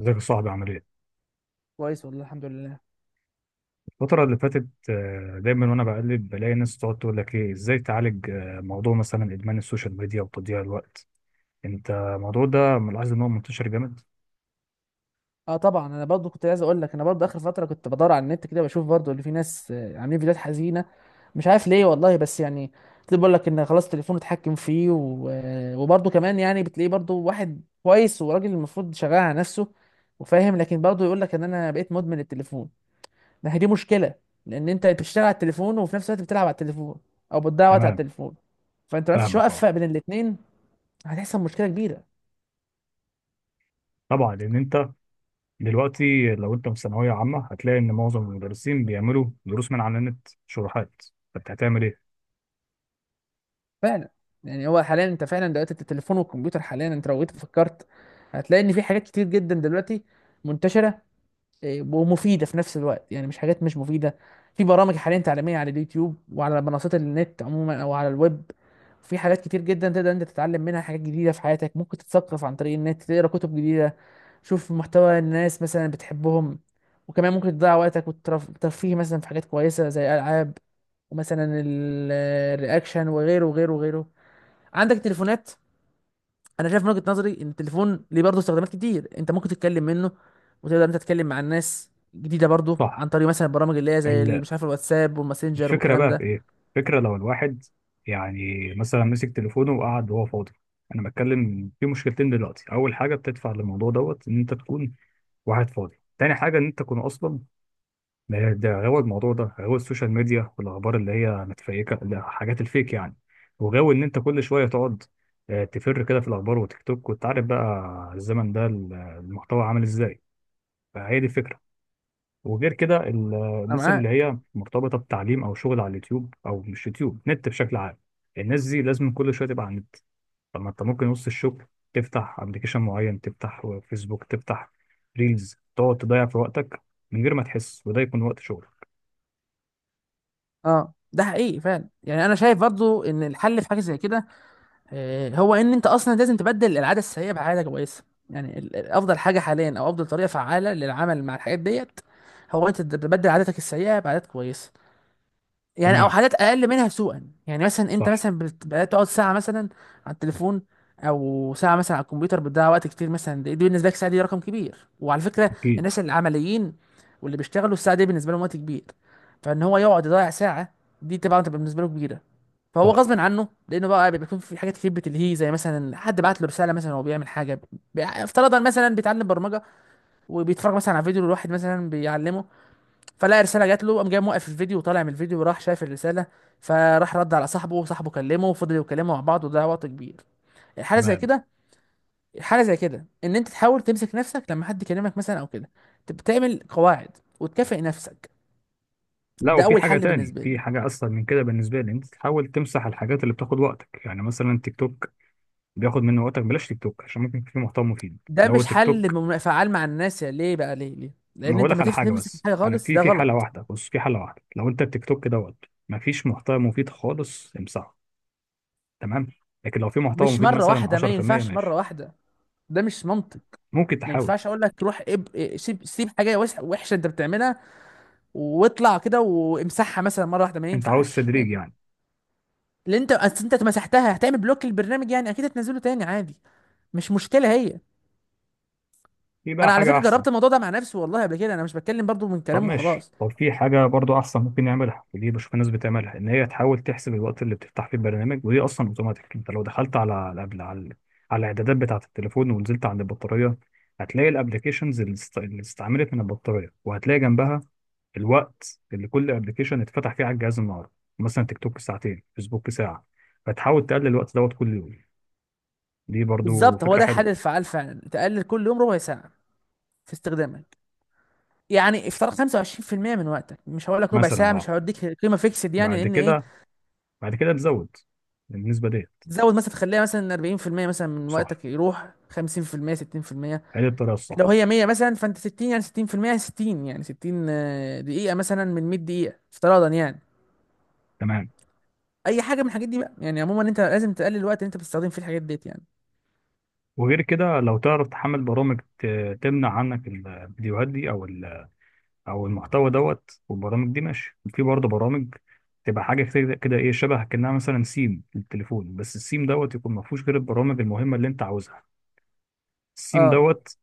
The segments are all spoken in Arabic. ازيك يا صاحبي عامل ايه؟ كويس والله الحمد لله. الفترة اللي فاتت دايما وانا بقلب بلاقي ناس تقعد تقول لك ايه ازاي تعالج موضوع مثلا ادمان السوشيال ميديا وتضييع الوقت. انت الموضوع ده ملاحظ ان هو منتشر جامد؟ اه، طبعا انا برضو كنت عايز اقول لك انا برضو اخر فتره كنت بدور على النت كده بشوف برضو اللي في ناس عاملين فيديوهات حزينه. مش عارف ليه والله، بس يعني بتلاقي بيقول لك ان خلاص تليفونه اتحكم فيه و... آه، وبرضو كمان يعني بتلاقيه برضو واحد كويس وراجل المفروض شغال على نفسه وفاهم، لكن برضو يقول لك ان انا بقيت مدمن التليفون. ما هي دي مشكله، لان انت بتشتغل على التليفون وفي نفس الوقت بتلعب على التليفون او بتضيع وقت على تمام، التليفون، فانت ما عرفتش فاهمك، توقف اه بين الاثنين، هتحصل مشكله كبيره. طبعا، لان انت دلوقتي لو انت في ثانوية عامة هتلاقي ان معظم المدرسين بيعملوا دروس من على النت، شروحات، فانت هتعمل ايه؟ فعلا، يعني هو حاليا انت فعلا دلوقتي التليفون والكمبيوتر، حاليا انت لو جيت فكرت هتلاقي ان في حاجات كتير جدا دلوقتي منتشره ومفيده في نفس الوقت، يعني مش حاجات مش مفيده. في برامج حاليا تعليميه على اليوتيوب وعلى منصات النت عموما او على الويب، في حاجات كتير جدا تقدر انت تتعلم منها حاجات جديده في حياتك، ممكن تتثقف عن طريق النت، تقرا كتب جديده، شوف محتوى الناس مثلا بتحبهم، وكمان ممكن تضيع وقتك والترفيه مثلا في حاجات كويسه زي العاب، ومثلا الرياكشن وغيره وغيره وغيره. عندك تليفونات، انا شايف من وجهة نظري ان التليفون ليه برضه استخدامات كتير، انت ممكن تتكلم منه وتقدر انت تتكلم مع الناس جديده برضه عن صح. طريق مثلا البرامج اللي هي زي مش عارف الواتساب والماسنجر الفكرة والكلام بقى في ده. إيه؟ الفكرة لو الواحد يعني مثلا مسك تليفونه وقعد وهو فاضي. أنا بتكلم في مشكلتين دلوقتي، أول حاجة بتدفع للموضوع دوت إن أنت تكون واحد فاضي، تاني حاجة إن أنت تكون أصلا ده غاوي، الموضوع ده غاوي السوشيال ميديا والأخبار اللي هي متفيكة، حاجات الفيك يعني، وغاوي إن أنت كل شوية تقعد تفر كده في الأخبار وتيك توك، وأنت عارف بقى الزمن ده المحتوى عامل إزاي. فهي دي الفكرة. وغير كده انا الناس اللي معاك. هي مرتبطة بتعليم أو شغل على اليوتيوب، أو مش يوتيوب، نت بشكل عام، الناس دي لازم كل شوية تبقى على النت. طب ما أنت ممكن وسط الشغل تفتح أبلكيشن معين، تفتح فيسبوك، تفتح ريلز، تقعد تضيع في وقتك من غير ما تحس، وده يكون وقت شغل. اه، ده حقيقي فعلا، يعني انا شايف برضه ان الحل في حاجه زي كده، هو ان انت اصلا لازم تبدل العاده السيئه بعاده كويسه. يعني افضل حاجه حاليا او افضل طريقه فعاله للعمل مع الحاجات ديت هو انت تبدل عاداتك السيئه بعادات كويسه، يعني او تمام. حاجات اقل منها سوءا. يعني مثلا انت صح. مثلا بدات تقعد ساعه مثلا على التليفون او ساعه مثلا على الكمبيوتر بتضيع وقت كتير، مثلا دي بالنسبه لك ساعه دي رقم كبير، وعلى فكره أكيد. الناس العمليين واللي بيشتغلوا الساعه دي بالنسبه لهم وقت كبير، فان هو يقعد يضيع ساعه، دي طبعا تبقى بالنسبه له كبيره. فهو صح. غصب عنه، لانه بقى بيكون في حاجات كتير بتلهيه، زي مثلا حد بعت له رساله مثلا وهو بيعمل حاجه، افترضا مثلا بيتعلم برمجه وبيتفرج مثلا على فيديو لواحد مثلا بيعلمه، فلقى رساله جات له، قام جاي موقف الفيديو وطالع من الفيديو وراح شايف الرساله، فراح رد على صاحبه، وصاحبه كلمه وفضلوا يتكلموا مع بعض، وده وقت كبير. حاله زي تمام. كده حاله زي كده ان انت تحاول تمسك نفسك لما حد يكلمك مثلا او كده، تعمل قواعد وتكافئ نفسك. لا، ده وفي اول حاجة حل تاني، بالنسبه في لي. حاجة أسهل من كده بالنسبة لي، أنت تحاول تمسح الحاجات اللي بتاخد وقتك، يعني مثلا تيك توك بياخد منه وقتك، بلاش تيك توك، عشان ممكن في محتوى مفيد ده لو مش التيك حل توك. فعال مع الناس، يا ليه بقى، ليه ما لان هقول انت لك ما على تف- حاجه، تمسك بس حاجه انا خالص، في ده في حاله غلط. واحده، بص، في حاله واحده، لو انت التيك توك دوت ما فيش محتوى مفيد خالص، امسحه. تمام. لكن لو في محتوى مش مفيد مره مثلا واحده، ما 10% ينفعش مره ماشي، واحده، ده مش منطق. ممكن ما تحاول. ينفعش اقول لك روح اب... إيه، سيب سيب حاجه وحشه انت بتعملها واطلع كده وامسحها مثلا مره واحده، ما انت عاوز ينفعش تدريج ما- يعني. اللي انت اصل انت مسحتها هتعمل بلوك للبرنامج، يعني اكيد هتنزله تاني عادي، مش مشكله هي. في بقى انا على حاجه فكره احسن. جربت الموضوع ده مع نفسي والله قبل كده، انا مش بتكلم برضو من طب كلام ماشي، وخلاص. طب في حاجه برضو احسن ممكن نعملها، ودي بشوف الناس بتعملها، ان هي تحاول تحسب الوقت اللي بتفتح فيه البرنامج، ودي اصلا اوتوماتيك، انت لو دخلت على، قبل، على على الاعدادات بتاعه التليفون ونزلت عند البطاريه، هتلاقي الابلكيشنز اللي استعملت من البطاريه، وهتلاقي جنبها الوقت اللي كل ابلكيشن اتفتح فيه على الجهاز النهارده، مثلا تيك توك ساعتين، فيسبوك ساعه، فتحاول تقلل الوقت دوت كل يوم. دي برضو بالظبط، هو فكره ده الحل حلوه. الفعال، فعلا تقلل كل يوم ربع ساعه في استخدامك، يعني افتراض 25% من وقتك، مش هقول لك ربع مثلا ساعه اه. مش هوديك قيمه فيكسد يعني، بعد لان ايه، كده، بعد كده تزود النسبه دي. تزود مثلا تخليها مثلا 40% مثلا من صح، وقتك، يروح 50% 60%. هي دي الطريقه لو الصح. هي 100 مثلا فانت 60 يعني 60%، 60 يعني 60 دقيقة مثلا من 100 دقيقة افتراضا يعني. تمام. اي حاجة من الحاجات دي بقى، يعني عموما انت لازم تقلل الوقت اللي انت بتستخدم فيه الحاجات ديت يعني. وغير كده لو تعرف تحمل برامج تمنع عنك الفيديوهات دي، او او المحتوى دوت والبرامج دي. ماشي، في برضه برامج تبقى حاجه كده كده، ايه، شبه كانها مثلا سيم للتليفون، بس السيم دوت يكون ما فيهوش غير البرامج المهمه اللي انت عاوزها. السيم اه. دوت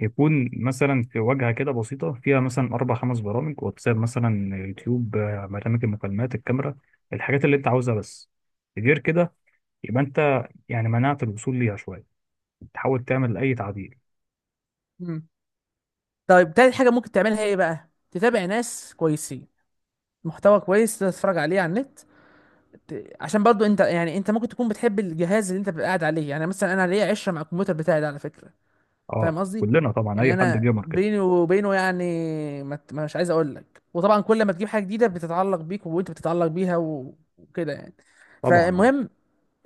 يكون مثلا في واجهة كده بسيطة، فيها مثلا أربع خمس برامج، واتساب مثلا، يوتيوب، برنامج المكالمات، الكاميرا، الحاجات اللي أنت عاوزها بس، غير كده يبقى أنت يعني منعت الوصول ليها شوية، تحاول تعمل أي تعديل. مم. طيب، تالت حاجة ممكن تعملها ايه بقى، تتابع ناس كويسين، محتوى كويس تتفرج عليه على النت، عشان برضو انت يعني انت ممكن تكون بتحب الجهاز اللي انت بتبقى قاعد عليه، يعني مثلا انا ليا عشره مع الكمبيوتر بتاعي ده على فكره. فاهم أه، قصدي، كلنا طبعا، يعني أي حد انا جيمر كده. بيني وبينه يعني ما ت- مش عايز اقول لك، وطبعا كل ما تجيب حاجه جديده بتتعلق بيك وانت بتتعلق بيها وكده يعني. طبعا أه. فالمهم،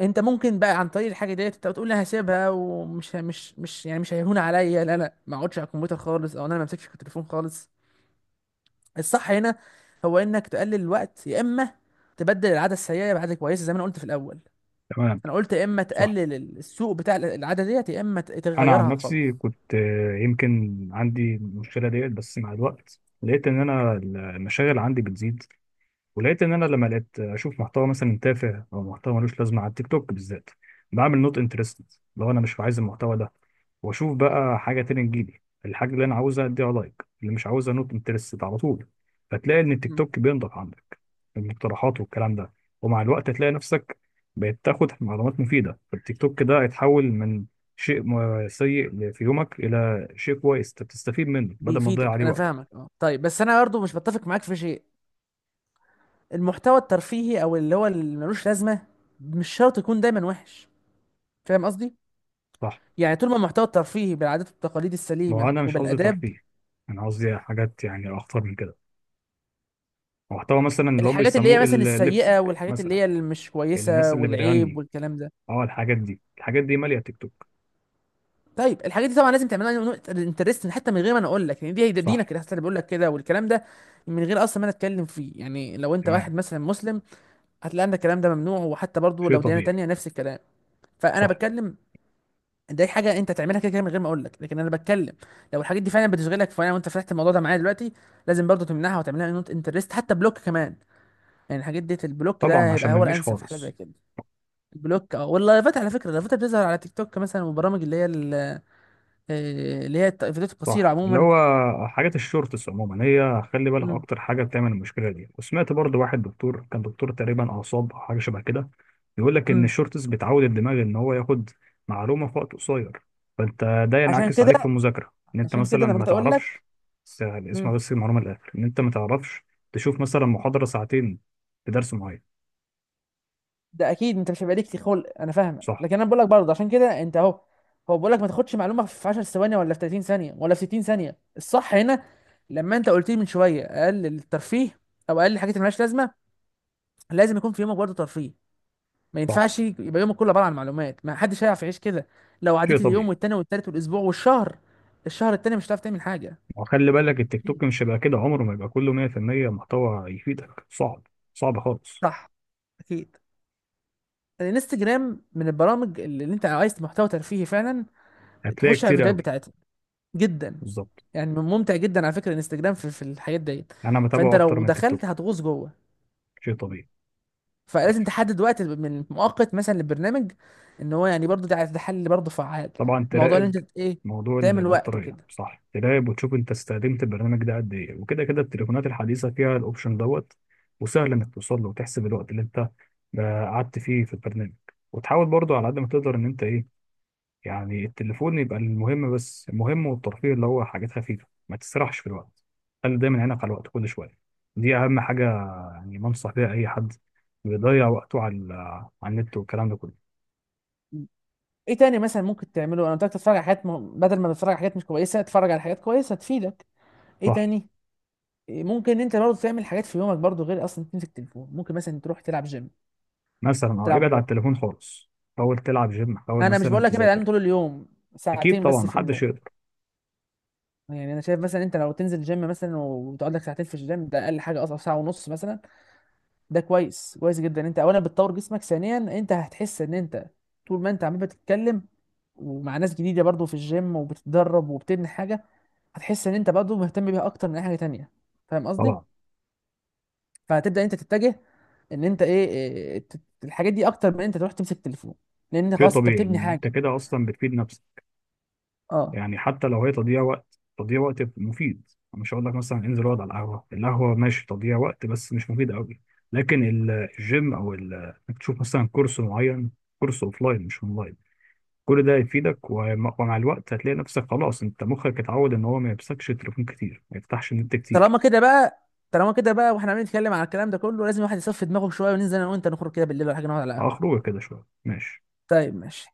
انت ممكن بقى عن طريق الحاجه ديت انت بتقول انا هسيبها، ومش ه- مش مش يعني مش هيهون عليا، لا لا، ما اقعدش على الكمبيوتر خالص او انا ما امسكش التليفون خالص. الصح هنا هو انك تقلل الوقت يا اما تبدل العاده السيئه بعاده كويسه زي ما انا قلت في الاول، تمام. انا قلت يا اما صح. تقلل السوق بتاع العاده ديت يا اما أنا عن تغيرها نفسي خالص. كنت، يمكن عندي المشكلة ديت، بس مع الوقت لقيت إن أنا المشاغل عندي بتزيد، ولقيت ان انا لما لقيت اشوف محتوى مثلا تافه او محتوى ملوش لازمه على التيك توك بالذات، بعمل نوت انترستد. لو انا مش عايز المحتوى ده، واشوف بقى حاجه تانية تجيلي، الحاجه اللي انا عاوزها اديها لايك، اللي مش عاوزها نوت انترستد على طول. فتلاقي ان التيك مم. توك بينضف عندك المقترحات والكلام ده، ومع الوقت هتلاقي نفسك بقيت تاخد معلومات مفيده، فالتيك توك ده يتحول من شيء سيء في يومك الى شيء كويس تستفيد منه بدل ما تضيع بيفيدك، عليه انا فاهمك، وقتك. اه طيب بس انا برضه مش بتفق معاك في شيء، المحتوى الترفيهي او اللي هو اللي ملوش لازمه مش شرط يكون دايما وحش، فاهم قصدي، صح. يعني طول ما المحتوى الترفيهي بالعادات والتقاليد ما هو السليمه انا مش قصدي وبالاداب. ترفيه، انا قصدي حاجات يعني اخطر من كده، محتوى مثلا اللي هم الحاجات اللي هي بيسموه مثلا الليبسينج، السيئه والحاجات اللي مثلا هي اللي مش كويسه الناس اللي والعيب بتغني، والكلام ده، اه، الحاجات دي، الحاجات دي ماليه تيك توك. طيب الحاجات دي طبعا لازم تعملها انترستنج حتى من غير ما انا اقول لك، يعني دي هي ده صح. دينك اللي حتى اللي بيقول لك كده والكلام ده، من غير اصلا ما انا اتكلم فيه، يعني لو انت تمام. واحد مثلا مسلم هتلاقي ان الكلام ده ممنوع، وحتى برضو شيء لو ديانه طبيعي. تانية نفس الكلام، فانا صح. بتكلم. دي حاجه انت تعملها كده كده من غير ما اقول لك، لكن انا بتكلم لو الحاجات دي فعلا بتشغلك، فانا وانت فتحت الموضوع ده معايا دلوقتي لازم برضو تمنعها وتعملها نوت انترست حتى بلوك كمان، يعني الحاجات دي البلوك طبعا ده عشان هيبقى ما هو نجيش الانسب في حاجه زي خالص. كده. البلوك، اه، واللايفات على فكره، اللايفات اللي بتظهر على تيك توك مثلا، والبرامج اللي هي اللي هي الفيديوهات القصيره صح، اللي عموما. هو حاجات الشورتس عموما، هي خلي بالك مم. اكتر حاجه بتعمل المشكله دي، وسمعت برضو واحد دكتور، كان دكتور تقريبا اعصاب او حاجه شبه كده، بيقول لك ان مم. الشورتس بتعود الدماغ ان هو ياخد معلومه في وقت قصير، فانت ده عشان ينعكس كده عليك في المذاكره، ان انت عشان كده مثلا انا ما جيت اقول لك. تعرفش، اسمع مم. بس المعلومه للاخر، ان انت ما تعرفش تشوف مثلا محاضره ساعتين في درس معين. ده اكيد انت مش هيبقى ليك خلق، انا فاهمك، صح. لكن انا بقول لك برضه عشان كده انت اهو، هو بقول لك ما تاخدش معلومه في 10 ثواني ولا في 30 ثانيه ولا في 60 ثانيه، الصح هنا لما انت قلت لي من شويه اقل الترفيه او اقل الحاجات اللي مالهاش لازمه، لازم يكون في يومك برضه ترفيه، ما صح. ينفعش يبقى يومك كله عباره عن معلومات، ما حدش هيعرف يعيش كده. لو شيء عديت اليوم طبيعي. والتاني والتالت والاسبوع والشهر، الشهر التاني مش هتعرف تعمل حاجه. وخلي بالك التيك أكيد. توك مش هيبقى كده، عمره ما يبقى كله 100% محتوى يفيدك، صعب، صعب خالص. صح اكيد. الانستجرام من البرامج اللي انت لو عايز محتوى ترفيهي فعلا هتلاقي تخش على كتير الفيديوهات قوي. بتاعتها، جدا بالظبط. يعني، ممتع جدا على فكره الانستجرام في الحاجات ديت. انا فانت متابعه اكتر لو من تيك دخلت توك. هتغوص جوه، شيء طبيعي. فلازم ماشي. تحدد وقت من مؤقت مثلا للبرنامج، ان هو يعني برضو ده حل برضو فعال. طبعا الموضوع اللي تراقب انت ايه، موضوع تعمل وقت البطارية، وكده. صح، تراقب وتشوف انت استخدمت البرنامج ده قد ايه، وكده كده التليفونات الحديثة فيها الاوبشن دوت، وسهل انك توصل له وتحسب الوقت اللي انت قعدت فيه في البرنامج، وتحاول برضو على قد ما تقدر ان انت ايه، يعني التليفون يبقى المهم بس، المهم والترفيه اللي هو حاجات خفيفة، ما تسرحش في الوقت، خلي دايما عينك على الوقت كل شوية، دي اهم حاجة، يعني ما انصح بيها اي حد بيضيع وقته على على النت والكلام ده كله. ايه تاني مثلا ممكن تعمله، انا قلت لك تتفرج على حاجات بدل ما تتفرج على حاجات مش كويسه اتفرج على حاجات كويسه تفيدك. ايه صح. تاني، ممكن انت برضو تعمل حاجات في يومك برضو غير اصلا تمسك تليفون، ممكن مثلا تروح تلعب جيم، مثلا اه، تلعب ابعد عن رياضه. التليفون خالص، حاول تلعب جيم، حاول انا مش مثلا بقول لك ابعد عنه تذاكر. طول اليوم، اكيد ساعتين طبعا، بس في اليوم، محدش يقدر. يعني انا شايف مثلا انت لو تنزل جيم مثلا وتقعد لك ساعتين في الجيم، ده اقل حاجه، اصلا ساعه ونص مثلا، ده كويس كويس جدا. انت اولا بتطور جسمك، ثانيا انت هتحس ان انت طول ما انت عمال بتتكلم ومع ناس جديده برضو في الجيم وبتتدرب وبتبني حاجه، هتحس ان انت برضو مهتم بيها اكتر من اي حاجه تانية، فاهم قصدي. طبعا. فهتبدا انت تتجه ان انت ايه إيه، إيه، ت- الحاجات دي اكتر من انت تروح تمسك تليفون، لان شيء خلاص انت طبيعي، بتبني انت حاجه. كده اصلا بتفيد نفسك، اه، يعني حتى لو هي تضييع وقت، تضييع وقت مفيد، مش هقول لك مثلا انزل اقعد على القهوه، القهوه ماشي تضييع وقت بس مش مفيد قوي، لكن الجيم او انك تشوف مثلا كورس معين، كورس اوفلاين مش اونلاين، كل ده هيفيدك، ومع الوقت هتلاقي نفسك خلاص، انت مخك اتعود ان هو ما يمسكش تليفون كتير، ما يفتحش النت كتير. طالما كده بقى واحنا عمالين نتكلم على الكلام ده كله، لازم الواحد يصفي دماغه شويه، وننزل انا وانت نخرج كده بالليل ولا حاجه نقعد على قهوه. اخرجه كده شويه ماشي. طيب ماشي.